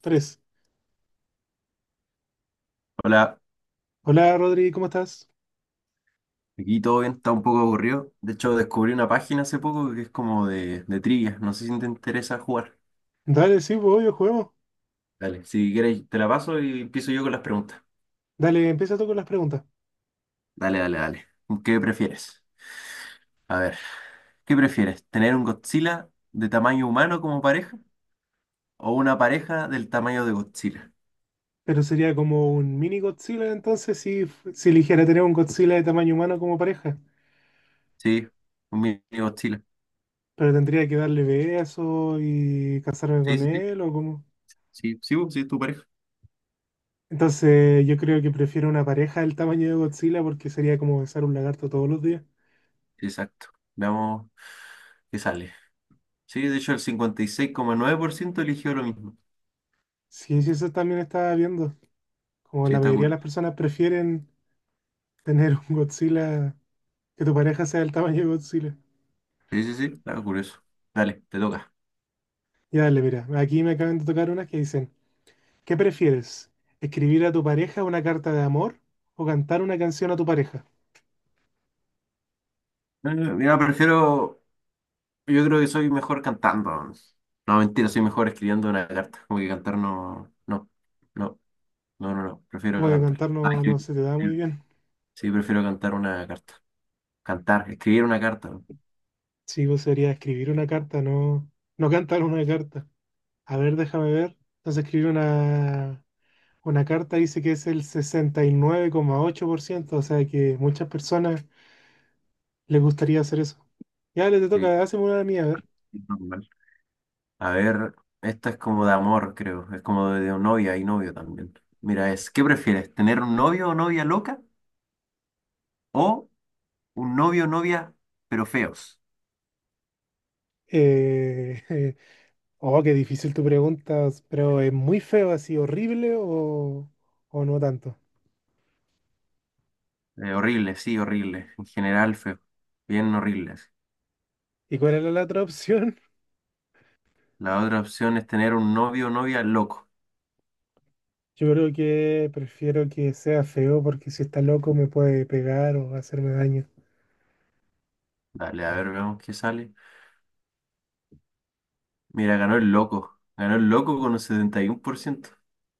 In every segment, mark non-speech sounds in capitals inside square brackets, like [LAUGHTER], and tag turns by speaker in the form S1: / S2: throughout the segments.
S1: Tres.
S2: Hola,
S1: Hola Rodri, ¿cómo estás?
S2: aquí todo bien, está un poco aburrido. De hecho, descubrí una página hace poco que es como de trivia. No sé si te interesa jugar.
S1: Dale, sí, pues obvio, juguemos.
S2: Dale, si quieres, te la paso y empiezo yo con las preguntas.
S1: Dale, empieza tú con las preguntas.
S2: Dale, dale, dale. ¿Qué prefieres? A ver, ¿qué prefieres? ¿Tener un Godzilla de tamaño humano como pareja o una pareja del tamaño de Godzilla?
S1: Pero sería como un mini Godzilla entonces si eligiera tener un Godzilla de tamaño humano como pareja.
S2: Sí, un mini Godzilla.
S1: Pero tendría que darle besos y casarme
S2: Sí,
S1: con
S2: sí, sí.
S1: él o cómo.
S2: Sí, sí, sí, es tu pareja.
S1: Entonces yo creo que prefiero una pareja del tamaño de Godzilla porque sería como besar un lagarto todos los días.
S2: Exacto. Veamos qué sale. Sí, de hecho, el 56,9% eligió lo mismo.
S1: Sí, sí, eso también estaba viendo. Como
S2: Sí,
S1: la
S2: está
S1: mayoría de
S2: cool.
S1: las personas prefieren tener un Godzilla, que tu pareja sea del tamaño de Godzilla.
S2: Sí, sí, sí, está curioso. Dale, te toca.
S1: Ya dale, mira, aquí me acaban de tocar unas que dicen. ¿Qué prefieres? ¿Escribir a tu pareja una carta de amor o cantar una canción a tu pareja?
S2: Mira, prefiero. Yo creo que soy mejor cantando. No, mentira, soy mejor escribiendo una carta. Como que cantar no. No, no, no, no, no. Prefiero
S1: Como que
S2: cantar.
S1: cantar
S2: Ah,
S1: no, no
S2: escribir,
S1: se te da muy
S2: escribir.
S1: bien.
S2: Sí, prefiero cantar una carta. Cantar, escribir una carta.
S1: Sí, vos sería escribir una carta, no, no cantar una carta. A ver, déjame ver. Entonces escribir una carta dice que es el 69,8%, o sea que muchas personas les gustaría hacer eso. Ya, le te
S2: Sí,
S1: toca, hazme una de mía, a ver.
S2: normal. A ver, esta es como de amor, creo. Es como de novia y novio también. Mira, es, ¿qué prefieres? ¿Tener un novio o novia loca? ¿O un novio o novia, pero feos?
S1: Eh, [LAUGHS] oh, qué difícil tu pregunta, pero ¿es muy feo así, horrible o no tanto?
S2: Horrible, sí, horrible. En general, feo. Bien horribles.
S1: ¿Y cuál era la otra opción?
S2: La otra opción es tener un novio o novia loco.
S1: [LAUGHS] Yo creo que prefiero que sea feo porque si está loco me puede pegar o hacerme daño.
S2: Dale, a ver, veamos qué sale. Mira, ganó el loco. Ganó el loco con un 71%.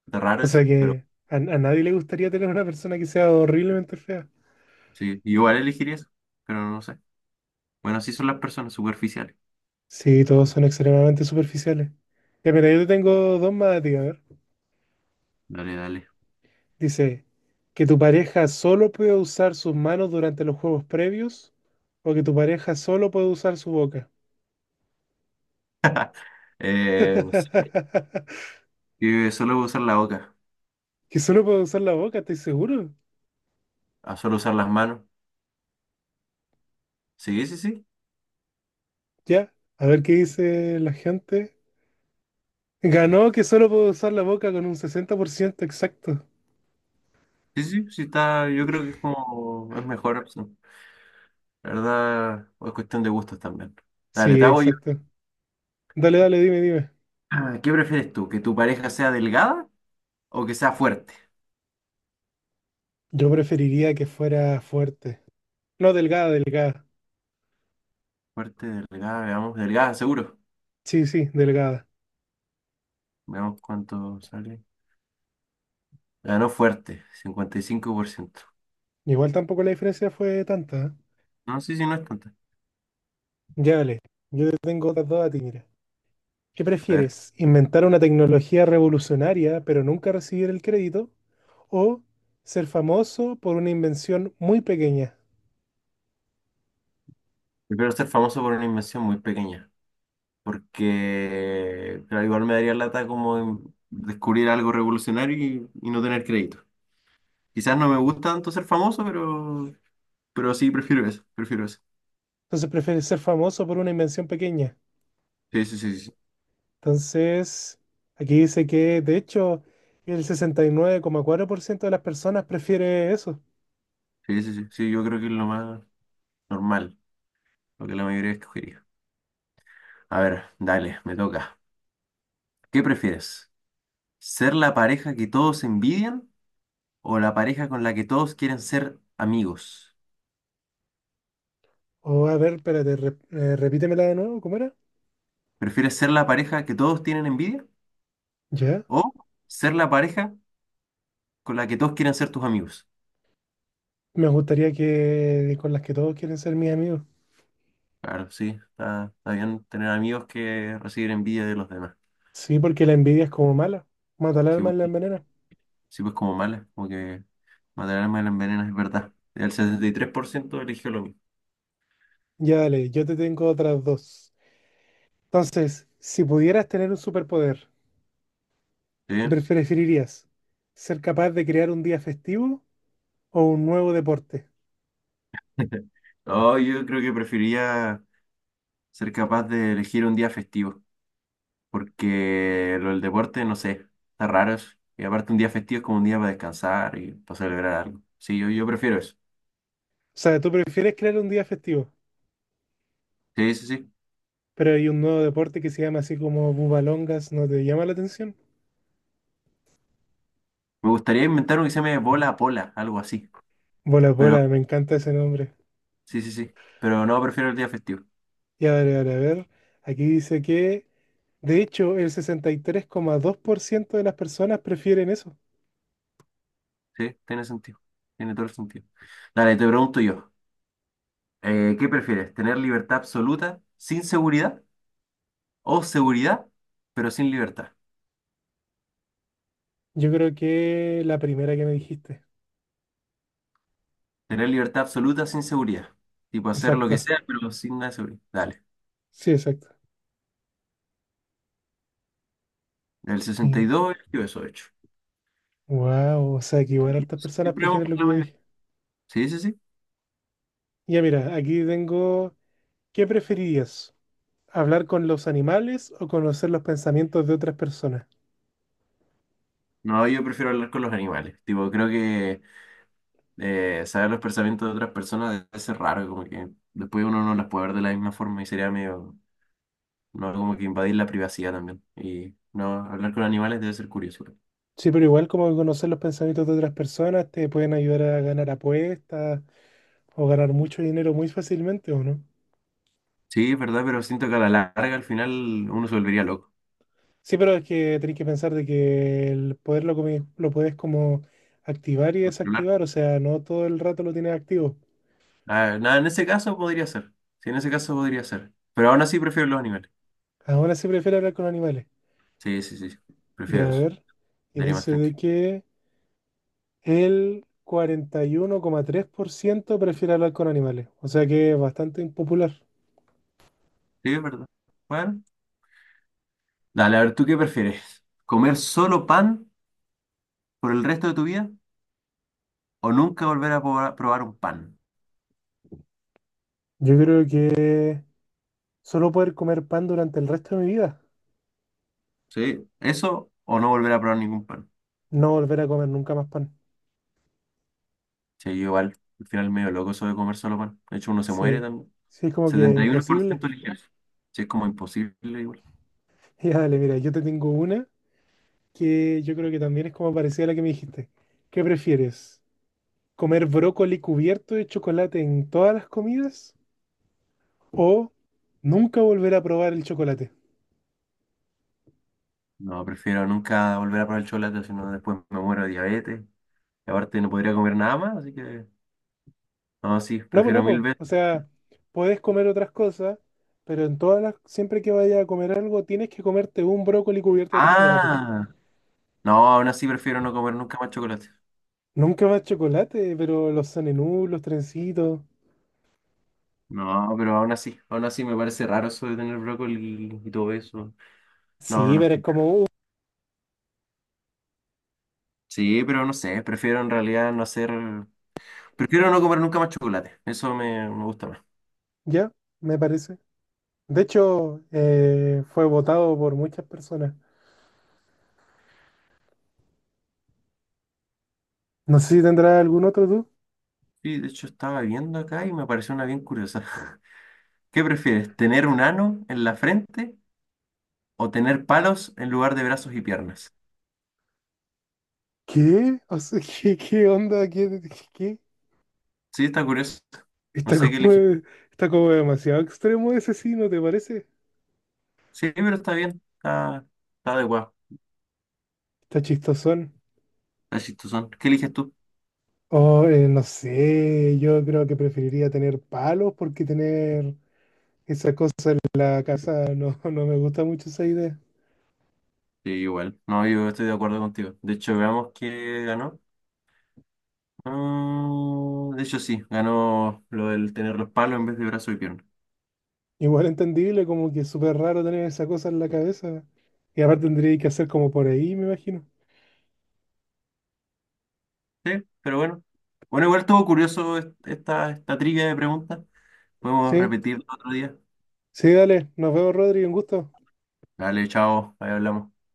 S2: Está raro
S1: O
S2: eso,
S1: sea que
S2: pero
S1: a nadie le gustaría tener una persona que sea horriblemente fea.
S2: sí. Igual elegiría eso, pero no sé. Bueno, así son las personas superficiales.
S1: Sí, todos son extremadamente superficiales. Ya, mira, yo te tengo dos más a ti, a ver.
S2: Dale, dale.
S1: Dice, que tu pareja solo puede usar sus manos durante los juegos previos o que tu pareja solo puede usar su boca.
S2: No sé.
S1: [LAUGHS]
S2: Y solo usar la boca.
S1: Que solo puede usar la boca, estoy seguro.
S2: A solo usar las manos. Sí, sí, sí.
S1: Ya, a ver qué dice la gente. Ganó que solo puedo usar la boca con un 60% exacto.
S2: Sí, sí, sí está. Yo creo que es como. Es mejor opción. La verdad, es cuestión de gustos también. Dale,
S1: Sí,
S2: te hago yo.
S1: exacto. Dale, dale, dime, dime.
S2: Ah, ¿qué prefieres tú? ¿Que tu pareja sea delgada o que sea fuerte?
S1: Yo preferiría que fuera fuerte. No, delgada, delgada.
S2: Fuerte, delgada, veamos, delgada, seguro.
S1: Sí, sí, delgada.
S2: Veamos cuánto sale. Ganó fuerte, 55%.
S1: Igual tampoco la diferencia fue tanta, ¿eh?
S2: No, sí, sí, no es tanta.
S1: Ya, dale. Yo te tengo otras dos a ti, mira. ¿Qué
S2: A ver,
S1: prefieres? ¿Inventar una tecnología revolucionaria pero nunca recibir el crédito? ¿O ser famoso por una invención muy pequeña?
S2: prefiero ser famoso por una invención muy pequeña, porque claro, igual me daría lata como en descubrir algo revolucionario y no tener crédito. Quizás no me gusta tanto ser famoso, pero sí, prefiero eso, prefiero eso.
S1: Entonces, ¿prefieres ser famoso por una invención pequeña?
S2: Sí, sí, sí, sí,
S1: Entonces, aquí dice que de hecho el 69,4% de las personas prefiere eso.
S2: sí, sí, sí, sí, yo creo que es lo más normal, lo que la mayoría escogería. A ver, dale, me toca. ¿Qué prefieres? ¿Ser la pareja que todos envidian o la pareja con la que todos quieren ser amigos?
S1: O a ver, espérate, repítemela de nuevo, ¿cómo era?
S2: ¿Prefieres ser la pareja que todos tienen envidia
S1: Ya.
S2: o ser la pareja con la que todos quieren ser tus amigos?
S1: Me gustaría que con las que todos quieren ser mis amigos.
S2: Claro, sí, está bien tener amigos que reciben envidia de los demás.
S1: Sí, porque la envidia es como mala. Mata al
S2: Sí,
S1: alma
S2: pues,
S1: y la envenena.
S2: sí, pues como mala, como que matar al alma la envenenas, es verdad. El 73% eligió lo mismo.
S1: Ya dale, yo te tengo otras dos. Entonces, si pudieras tener un superpoder, ¿qué
S2: ¿Sí?
S1: preferirías? ¿Ser capaz de crear un día festivo o un nuevo deporte?
S2: [LAUGHS] No, yo creo que preferiría ser capaz de elegir un día festivo. Porque lo del deporte, no sé, está raro eso. Y aparte un día festivo es como un día para descansar y para celebrar algo. Sí, yo prefiero eso.
S1: O sea, ¿tú prefieres crear un día festivo?
S2: Sí, sí, sí.
S1: Pero hay un nuevo deporte que se llama así como Bubalongas, ¿no te llama la atención?
S2: Me gustaría inventar uno que se llame bola a pola, algo así.
S1: Bola
S2: Pero,
S1: bola, me encanta ese nombre.
S2: sí, sí, sí. Pero no, prefiero el día festivo.
S1: Ya, a ver, a ver, a ver. Aquí dice que, de hecho, el 63,2% de las personas prefieren eso.
S2: Sí, tiene sentido. Tiene todo el sentido. Dale, te pregunto yo. ¿Qué prefieres? ¿Tener libertad absoluta sin seguridad? ¿O seguridad, pero sin libertad?
S1: Yo creo que la primera que me dijiste.
S2: Tener libertad absoluta sin seguridad. Tipo hacer lo que
S1: Exacto,
S2: sea, pero sin nada de seguridad. Dale.
S1: sí, exacto.
S2: El
S1: Y
S2: 62 y dos, yo eso he hecho.
S1: wow, o sea que igual hartas personas
S2: Siempre vamos
S1: prefieren lo
S2: por
S1: que
S2: la
S1: yo
S2: misma.
S1: dije.
S2: Sí, sí, sí.
S1: Ya mira, aquí tengo, ¿qué preferirías? ¿Hablar con los animales o conocer los pensamientos de otras personas?
S2: No, yo prefiero hablar con los animales. Tipo, creo que saber los pensamientos de otras personas debe ser raro, como que después uno no las puede ver de la misma forma y sería medio, no, como que invadir la privacidad también. Y no, hablar con animales debe ser curioso.
S1: Sí, pero igual como conocer los pensamientos de otras personas te pueden ayudar a ganar apuestas o ganar mucho dinero muy fácilmente, ¿o no?
S2: Sí, es verdad, pero siento que a la larga al final uno se volvería loco.
S1: Sí, pero es que tenés que pensar de que el poder lo puedes como activar y
S2: Por hablar.
S1: desactivar, o sea, no todo el rato lo tienes activo.
S2: Ah, nada, en ese caso podría ser. Sí, en ese caso podría ser. Pero aún así prefiero los animales.
S1: Ahora sí prefiero hablar con animales.
S2: Sí, sí, sí. Sí.
S1: Y
S2: Prefiero
S1: a
S2: eso.
S1: ver, y
S2: Daría más
S1: dice de
S2: tranquilo.
S1: que el 41,3% prefiere hablar con animales, o sea que es bastante impopular.
S2: Sí, es verdad. Bueno. Dale, a ver, ¿tú qué prefieres? ¿Comer solo pan por el resto de tu vida o nunca volver a probar un pan?
S1: Yo creo que solo poder comer pan durante el resto de mi vida.
S2: ¿Sí? ¿Eso o no volver a probar ningún pan?
S1: No volver a comer nunca más pan.
S2: Sí, yo igual, al final medio loco eso de comer solo pan. De hecho, uno se muere
S1: Sí,
S2: también.
S1: sí, es como que imposible.
S2: 71%
S1: [LAUGHS]
S2: ligero. Sí, es como imposible igual.
S1: Ya, dale, mira, yo te tengo una que yo creo que también es como parecida a la que me dijiste. ¿Qué prefieres? ¿Comer brócoli cubierto de chocolate en todas las comidas? ¿O nunca volver a probar el chocolate?
S2: No, prefiero nunca volver a probar el chocolate, si no después me muero de diabetes. Y aparte no podría comer nada más, así que... No, sí,
S1: No, pues no,
S2: prefiero mil
S1: pues.
S2: veces.
S1: O sea, puedes comer otras cosas, pero en todas las, siempre que vayas a comer algo, tienes que comerte un brócoli cubierto de chocolate.
S2: Ah, no, aún así prefiero no comer nunca más chocolate.
S1: Nunca más chocolate, pero los sanenú, los trencitos.
S2: No, pero aún así me parece raro eso de tener brócoli y todo eso. No, no,
S1: Sí,
S2: no.
S1: pero es como...
S2: Sí, pero no sé, prefiero en realidad no hacer... Prefiero no comer nunca más chocolate, eso me gusta más.
S1: Ya, me parece. De hecho, fue votado por muchas personas. No sé si tendrá algún otro tú.
S2: Sí, de hecho estaba viendo acá y me pareció una bien curiosa. [LAUGHS] ¿Qué prefieres, tener un ano en la frente o tener palos en lugar de brazos y piernas?
S1: ¿Qué? O sea, [LAUGHS] ¿qué, qué onda? ¿Qué, qué? ¿Qué?
S2: Sí, está curioso. No
S1: Está
S2: sé qué
S1: como,
S2: eliges.
S1: está como demasiado extremo ese sí, ¿no te parece?
S2: Sí, pero está, bien, está adecuado,
S1: Está chistosón.
S2: está chistosón. ¿Qué eliges tú?
S1: Oh, no sé, yo creo que preferiría tener palos porque tener esa cosa en la casa [LAUGHS] no, no me gusta mucho esa idea.
S2: Sí, igual. No, yo estoy de acuerdo contigo. De hecho, veamos qué ganó. Ah, de hecho, sí, ganó lo del tener los palos en vez de brazo y pierna.
S1: Igual entendible, como que es súper raro tener esa cosa en la cabeza. Y aparte tendría que hacer como por ahí, me imagino.
S2: Sí, pero bueno. Bueno, igual estuvo curioso esta trivia de preguntas. Podemos
S1: Sí,
S2: repetirlo otro día.
S1: sí, dale, nos vemos, Rodri, un gusto.
S2: Dale, chao, ahí hablamos.